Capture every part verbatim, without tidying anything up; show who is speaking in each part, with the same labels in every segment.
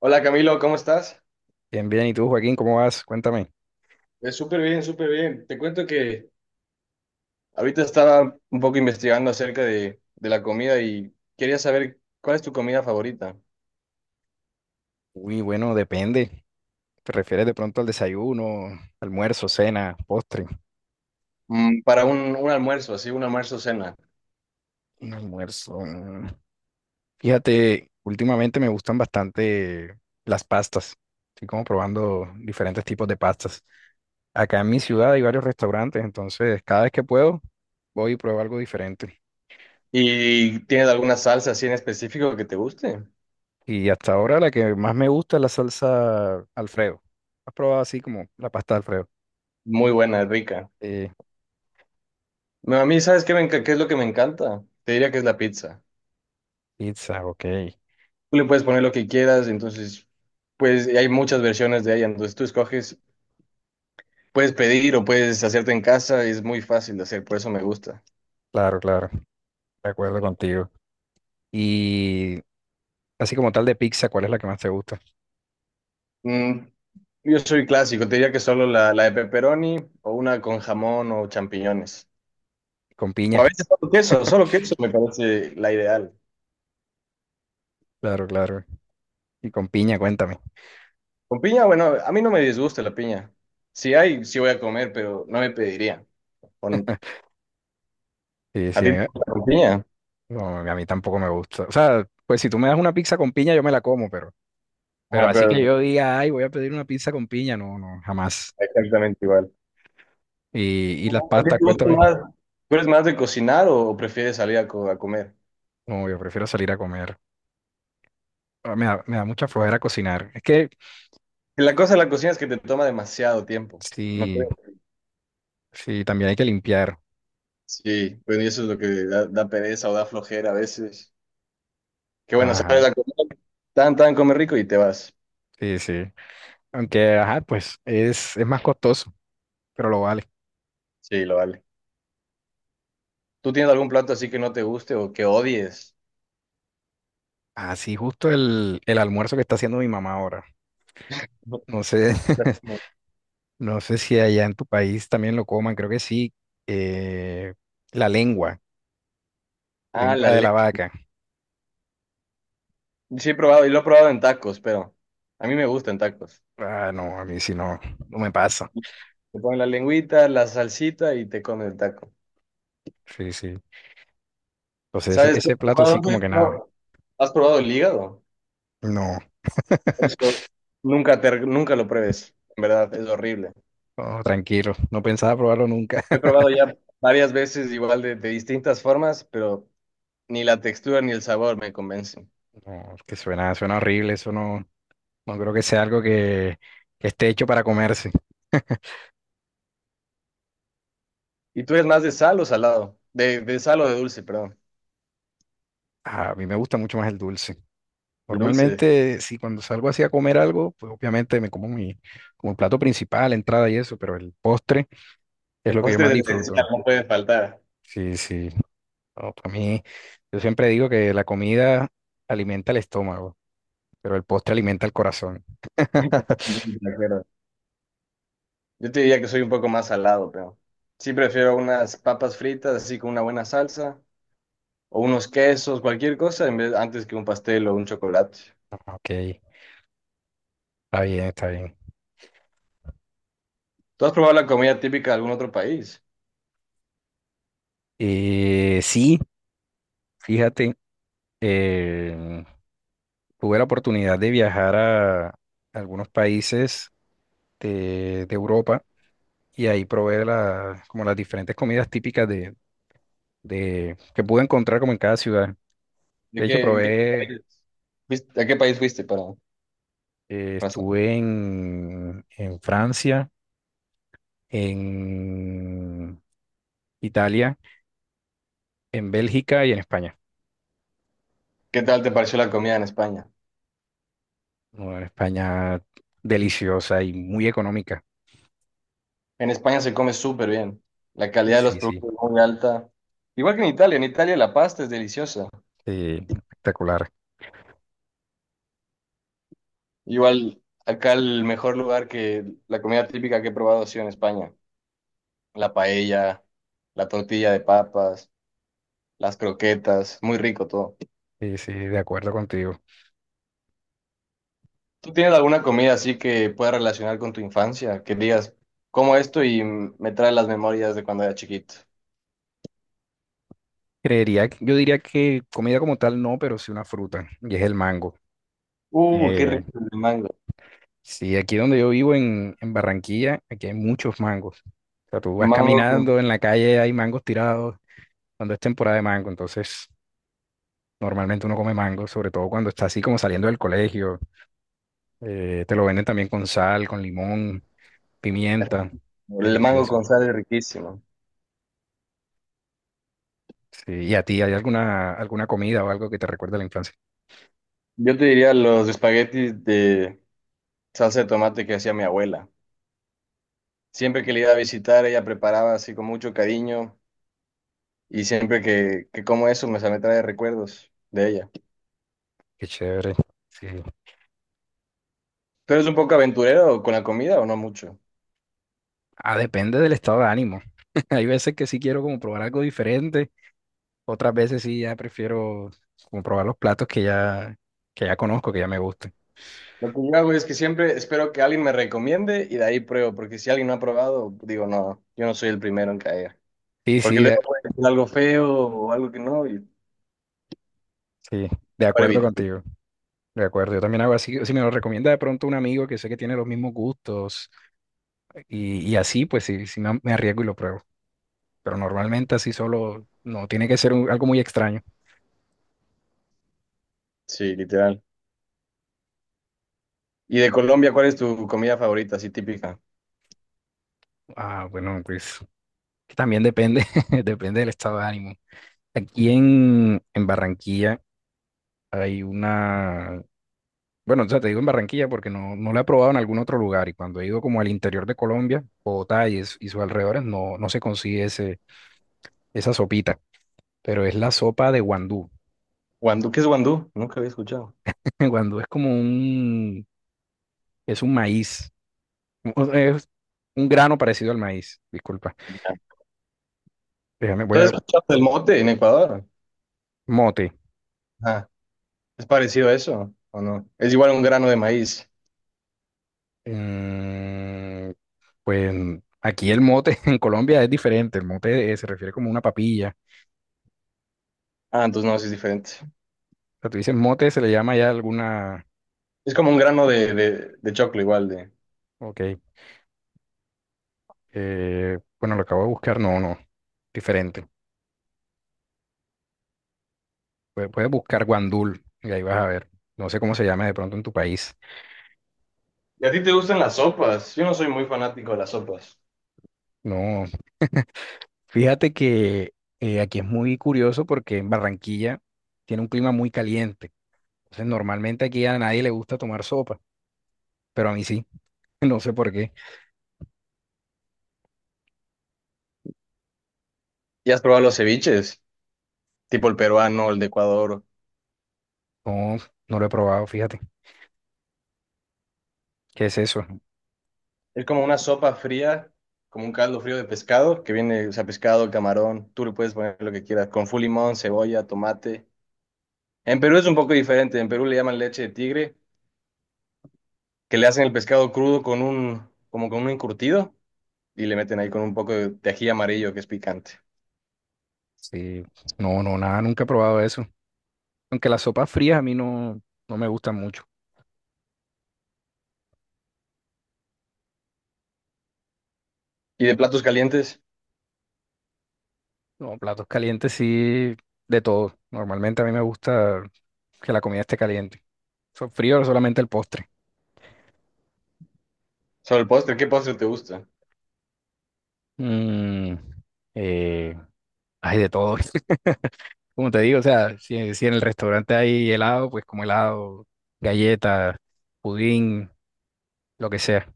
Speaker 1: Hola Camilo, ¿cómo estás?
Speaker 2: Bien, bien. ¿Y tú, Joaquín, cómo vas? Cuéntame.
Speaker 1: Eh, súper bien, súper bien. Te cuento que ahorita estaba un poco investigando acerca de, de la comida y quería saber cuál es tu comida favorita.
Speaker 2: Uy, bueno, depende. ¿Te refieres de pronto al desayuno, almuerzo, cena, postre?
Speaker 1: Mm, para un, un almuerzo, así, un almuerzo cena.
Speaker 2: Un almuerzo. mm. Fíjate, últimamente me gustan bastante las pastas. Estoy como probando diferentes tipos de pastas. Acá en mi ciudad hay varios restaurantes, entonces cada vez que puedo voy y pruebo algo diferente.
Speaker 1: ¿Y tienes alguna salsa así en específico que te guste?
Speaker 2: Y hasta ahora la que más me gusta es la salsa Alfredo. ¿Has probado así como la pasta Alfredo?
Speaker 1: Muy buena, rica.
Speaker 2: Sí,
Speaker 1: No, a mí, ¿sabes qué, me enca- qué es lo que me encanta? Te diría que es la pizza.
Speaker 2: pizza, ok.
Speaker 1: Tú le puedes poner lo que quieras, entonces, pues y hay muchas versiones de ella, entonces tú escoges, puedes pedir o puedes hacerte en casa, es muy fácil de hacer, por eso me gusta.
Speaker 2: Claro, claro, de acuerdo contigo. Y así como tal de pizza, ¿cuál es la que más te gusta?
Speaker 1: Mm, yo soy clásico, te diría que solo la, la de pepperoni o una con jamón o champiñones.
Speaker 2: Con
Speaker 1: O
Speaker 2: piña,
Speaker 1: a veces solo queso, solo queso me parece la ideal.
Speaker 2: claro, claro. Y con piña, cuéntame.
Speaker 1: Con piña, bueno, a mí no me disgusta la piña. Si hay, sí voy a comer, pero no me pediría. Con-
Speaker 2: Sí,
Speaker 1: ¿a
Speaker 2: sí, a
Speaker 1: ti
Speaker 2: mí,
Speaker 1: te
Speaker 2: me-
Speaker 1: gusta con piña?
Speaker 2: no, a mí tampoco me gusta. O sea, pues si tú me das una pizza con piña, yo me la como, pero, pero
Speaker 1: Ah,
Speaker 2: así que
Speaker 1: pero
Speaker 2: yo diga, ay, voy a pedir una pizza con piña, no, no, jamás.
Speaker 1: exactamente igual.
Speaker 2: Y, y las
Speaker 1: ¿A ti
Speaker 2: pastas,
Speaker 1: te gusta
Speaker 2: cuéntame.
Speaker 1: más? ¿Tú eres más de cocinar o prefieres salir a, co- a comer?
Speaker 2: Como yo prefiero salir a comer. Ah, Me da, me da mucha flojera cocinar. Es que
Speaker 1: La cosa de la cocina es que te toma demasiado tiempo, ¿no
Speaker 2: sí,
Speaker 1: crees?
Speaker 2: sí, también hay que limpiar.
Speaker 1: Sí, pues y eso es lo que da, da pereza o da flojera a veces. Qué bueno, sales
Speaker 2: Ajá,
Speaker 1: a comer, tan, tan, comer rico y te vas.
Speaker 2: sí, sí. Aunque, ajá, pues es, es más costoso, pero lo vale.
Speaker 1: Sí, lo vale. ¿Tú tienes algún plato así que no te guste o que odies?
Speaker 2: Así justo el, el almuerzo que está haciendo mi mamá ahora.
Speaker 1: No.
Speaker 2: No sé, no sé si allá en tu país también lo coman, creo que sí. Eh, la lengua,
Speaker 1: Ah,
Speaker 2: lengua
Speaker 1: la
Speaker 2: de la
Speaker 1: lengua.
Speaker 2: vaca.
Speaker 1: Sí, he probado, y lo he probado en tacos, pero a mí me gustan en tacos.
Speaker 2: Ah, no, a mí sí no, no me pasa.
Speaker 1: Te ponen la lengüita, la salsita y te comen el taco.
Speaker 2: Sí, sí. Entonces ese,
Speaker 1: ¿Sabes? ¿Has
Speaker 2: ese plato sí
Speaker 1: probado,
Speaker 2: como que nada.
Speaker 1: no, ¿has probado el hígado?
Speaker 2: No,
Speaker 1: Eso nunca, te- nunca lo pruebes, en verdad, es horrible.
Speaker 2: no, tranquilo, no pensaba probarlo nunca.
Speaker 1: Lo he probado ya varias veces, igual de, de distintas formas, pero ni la textura ni el sabor me convencen.
Speaker 2: No, es que suena, suena horrible, eso no, no creo que sea algo que, que esté hecho para comerse.
Speaker 1: ¿Y tú eres más de sal o salado? De, de sal o de dulce, perdón.
Speaker 2: A mí me gusta mucho más el dulce.
Speaker 1: El dulce.
Speaker 2: Normalmente, si cuando salgo así a comer algo, pues obviamente me como mi, como el plato principal, entrada y eso, pero el postre es
Speaker 1: El
Speaker 2: lo que yo
Speaker 1: postre
Speaker 2: más
Speaker 1: de
Speaker 2: disfruto.
Speaker 1: encina no puede faltar.
Speaker 2: Sí, sí. No, para mí, yo siempre digo que la comida alimenta el estómago, pero el postre alimenta el corazón.
Speaker 1: De acuerdo. Yo te diría que soy un poco más salado, pero sí prefiero unas papas fritas así con una buena salsa o unos quesos, cualquier cosa, en vez, antes que un pastel o un chocolate.
Speaker 2: Ok, está bien, está bien.
Speaker 1: ¿Tú has probado la comida típica de algún otro país?
Speaker 2: Eh, sí, fíjate, eh, tuve la oportunidad de viajar a algunos países de, de Europa y ahí probé la- como las diferentes comidas típicas de, de- que pude encontrar como en cada ciudad.
Speaker 1: ¿De
Speaker 2: De hecho,
Speaker 1: qué, en qué
Speaker 2: probé,
Speaker 1: país fuiste, a qué país fuiste para,
Speaker 2: eh,
Speaker 1: para saber?
Speaker 2: estuve en, en Francia, en Italia, en Bélgica y en España.
Speaker 1: ¿Qué tal te pareció la comida en España?
Speaker 2: Bueno, en España deliciosa y muy económica.
Speaker 1: En España se come súper bien. La
Speaker 2: Sí,
Speaker 1: calidad de los
Speaker 2: sí, sí,
Speaker 1: productos es muy alta. Igual que en Italia. En Italia la pasta es deliciosa.
Speaker 2: eh, espectacular.
Speaker 1: Igual acá el mejor lugar que la comida típica que he probado ha sido en España. La paella, la tortilla de papas, las croquetas. Muy rico todo.
Speaker 2: Sí, sí, de acuerdo contigo.
Speaker 1: ¿Tú tienes alguna comida así que puedas relacionar con tu infancia? Que digas, como esto y me trae las memorias de cuando era chiquito.
Speaker 2: Creería, que- yo diría que comida como tal no, pero sí una fruta, y es el mango.
Speaker 1: Uh, qué
Speaker 2: Eh,
Speaker 1: rico el mango.
Speaker 2: sí, aquí donde yo vivo en, en Barranquilla, aquí hay muchos mangos. O sea, tú vas
Speaker 1: Mango con,
Speaker 2: caminando en la calle, hay mangos tirados, cuando es temporada de mango, entonces normalmente uno come mango, sobre todo cuando está así como saliendo del colegio. Eh, te lo venden también con sal, con limón, pimienta,
Speaker 1: el mango
Speaker 2: delicioso.
Speaker 1: con sal es riquísimo.
Speaker 2: Sí, ¿y a ti hay alguna, alguna comida o algo que te recuerde a la infancia?
Speaker 1: Yo te diría los espaguetis de salsa de tomate que hacía mi abuela. Siempre que le iba a visitar, ella preparaba así con mucho cariño y siempre que, que como eso me, me trae recuerdos de ella.
Speaker 2: Qué chévere. Sí.
Speaker 1: ¿Tú eres un poco aventurero con la comida o no mucho?
Speaker 2: Ah, depende del estado de ánimo. Hay veces que sí quiero como probar algo diferente, otras veces sí ya prefiero como probar los platos que ya, que ya conozco, que ya me gustan.
Speaker 1: Lo que yo hago es que siempre espero que alguien me recomiende y de ahí pruebo, porque si alguien no ha probado, digo, no, yo no soy el primero en caer.
Speaker 2: Sí,
Speaker 1: Porque
Speaker 2: sí,
Speaker 1: luego
Speaker 2: de,
Speaker 1: puede ser algo feo o algo que no, y
Speaker 2: sí, de
Speaker 1: para
Speaker 2: acuerdo
Speaker 1: evitar.
Speaker 2: contigo, de acuerdo. Yo también hago así, si me lo recomienda de pronto un amigo que sé que tiene los mismos gustos y, y así, pues sí, sí me, me arriesgo y lo pruebo. Pero normalmente así solo, no, tiene que ser un- algo muy extraño.
Speaker 1: Sí, literal. ¿Y de Colombia, cuál es tu comida favorita, así típica?
Speaker 2: Ah, bueno, pues también depende, depende del estado de ánimo. Aquí en, en Barranquilla. Hay una, bueno, o sea, te digo en Barranquilla porque no, no la he probado en algún otro lugar y cuando he ido como al interior de Colombia, Bogotá y, es- y sus alrededores, no, no se consigue ese, esa sopita, pero es la sopa de guandú.
Speaker 1: Guandú, ¿qué es guandú? Nunca había escuchado.
Speaker 2: Guandú es como un, es un maíz, o es un grano parecido al maíz, disculpa. Déjame, voy a,
Speaker 1: Entonces, ¿escuchaste el mote en Ecuador?
Speaker 2: mote.
Speaker 1: Ah, ¿es parecido a eso o no? Es igual un grano de maíz.
Speaker 2: Mm, pues aquí el mote en Colombia es diferente, el mote eh, se refiere como una papilla.
Speaker 1: Ah, entonces no, sí es diferente.
Speaker 2: O sea, tú dices mote, se le llama ya alguna...
Speaker 1: Es como un grano de, de, de choclo igual de...
Speaker 2: Ok. Eh, bueno, lo acabo de buscar, no, no, diferente. Puedes, puedes buscar guandul y ahí vas a ver. No sé cómo se llama de pronto en tu país.
Speaker 1: ¿Y a ti te gustan las sopas? Yo no soy muy fanático de las sopas.
Speaker 2: No, fíjate que eh, aquí es muy curioso porque en Barranquilla tiene un clima muy caliente. Entonces, normalmente aquí a nadie le gusta tomar sopa, pero a mí sí. No sé por qué.
Speaker 1: ¿Y has probado los ceviches? Tipo el peruano, el de Ecuador.
Speaker 2: No, no lo he probado, fíjate. ¿Qué es eso?
Speaker 1: Es como una sopa fría, como un caldo frío de pescado, que viene, o sea, pescado, camarón, tú le puedes poner lo que quieras, con full limón, cebolla, tomate. En Perú es un poco diferente, en Perú le llaman leche de tigre, que le hacen el pescado crudo con un, como con un encurtido y le meten ahí con un poco de de ají amarillo que es picante.
Speaker 2: Sí, no, no, nada, nunca he probado eso. Aunque las sopas frías a mí no, no me gustan mucho.
Speaker 1: Y de platos calientes,
Speaker 2: No, platos calientes sí, de todo. Normalmente a mí me gusta que la comida esté caliente. So- Frío solamente el postre.
Speaker 1: sobre el postre, ¿qué postre te gusta?
Speaker 2: Mm, eh, hay de todo. Como te digo, o sea, si, si en el restaurante hay helado, pues como helado, galleta, pudín, lo que sea.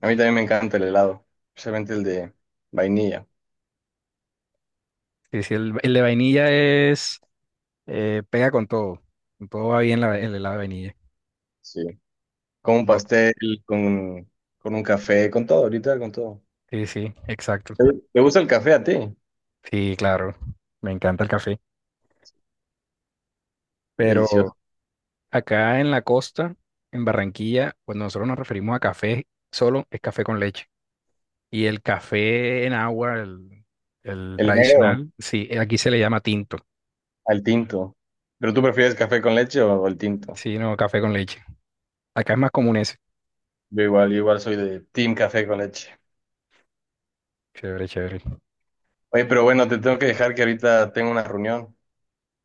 Speaker 1: A mí también me encanta el helado, especialmente el de vainilla,
Speaker 2: Y si el, el de vainilla es, eh, pega con todo. Con todo va bien la- el helado de vainilla.
Speaker 1: sí. Con un
Speaker 2: Oh,
Speaker 1: pastel, con, con un café, con todo, ahorita con todo.
Speaker 2: sí, sí, exacto.
Speaker 1: ¿Te te gusta el café a ti?
Speaker 2: Sí, claro. Me encanta el café. Pero
Speaker 1: Delicioso.
Speaker 2: acá en la costa, en Barranquilla, cuando nosotros nos referimos a café, solo es café con leche. Y el café en agua, el, el
Speaker 1: El negro
Speaker 2: tradicional, sí, eh, aquí se le llama tinto.
Speaker 1: al tinto. ¿Pero tú prefieres café con leche o el tinto?
Speaker 2: Sí, no, café con leche. Acá es más común ese.
Speaker 1: Yo igual, yo igual soy de team café con leche.
Speaker 2: Chévere, chévere.
Speaker 1: Oye, pero bueno, te tengo que dejar que ahorita tengo una reunión.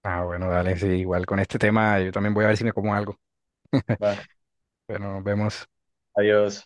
Speaker 2: Ah, bueno, dale, sí, igual con este tema yo también voy a ver si me como algo.
Speaker 1: Va.
Speaker 2: Bueno, nos vemos.
Speaker 1: Adiós.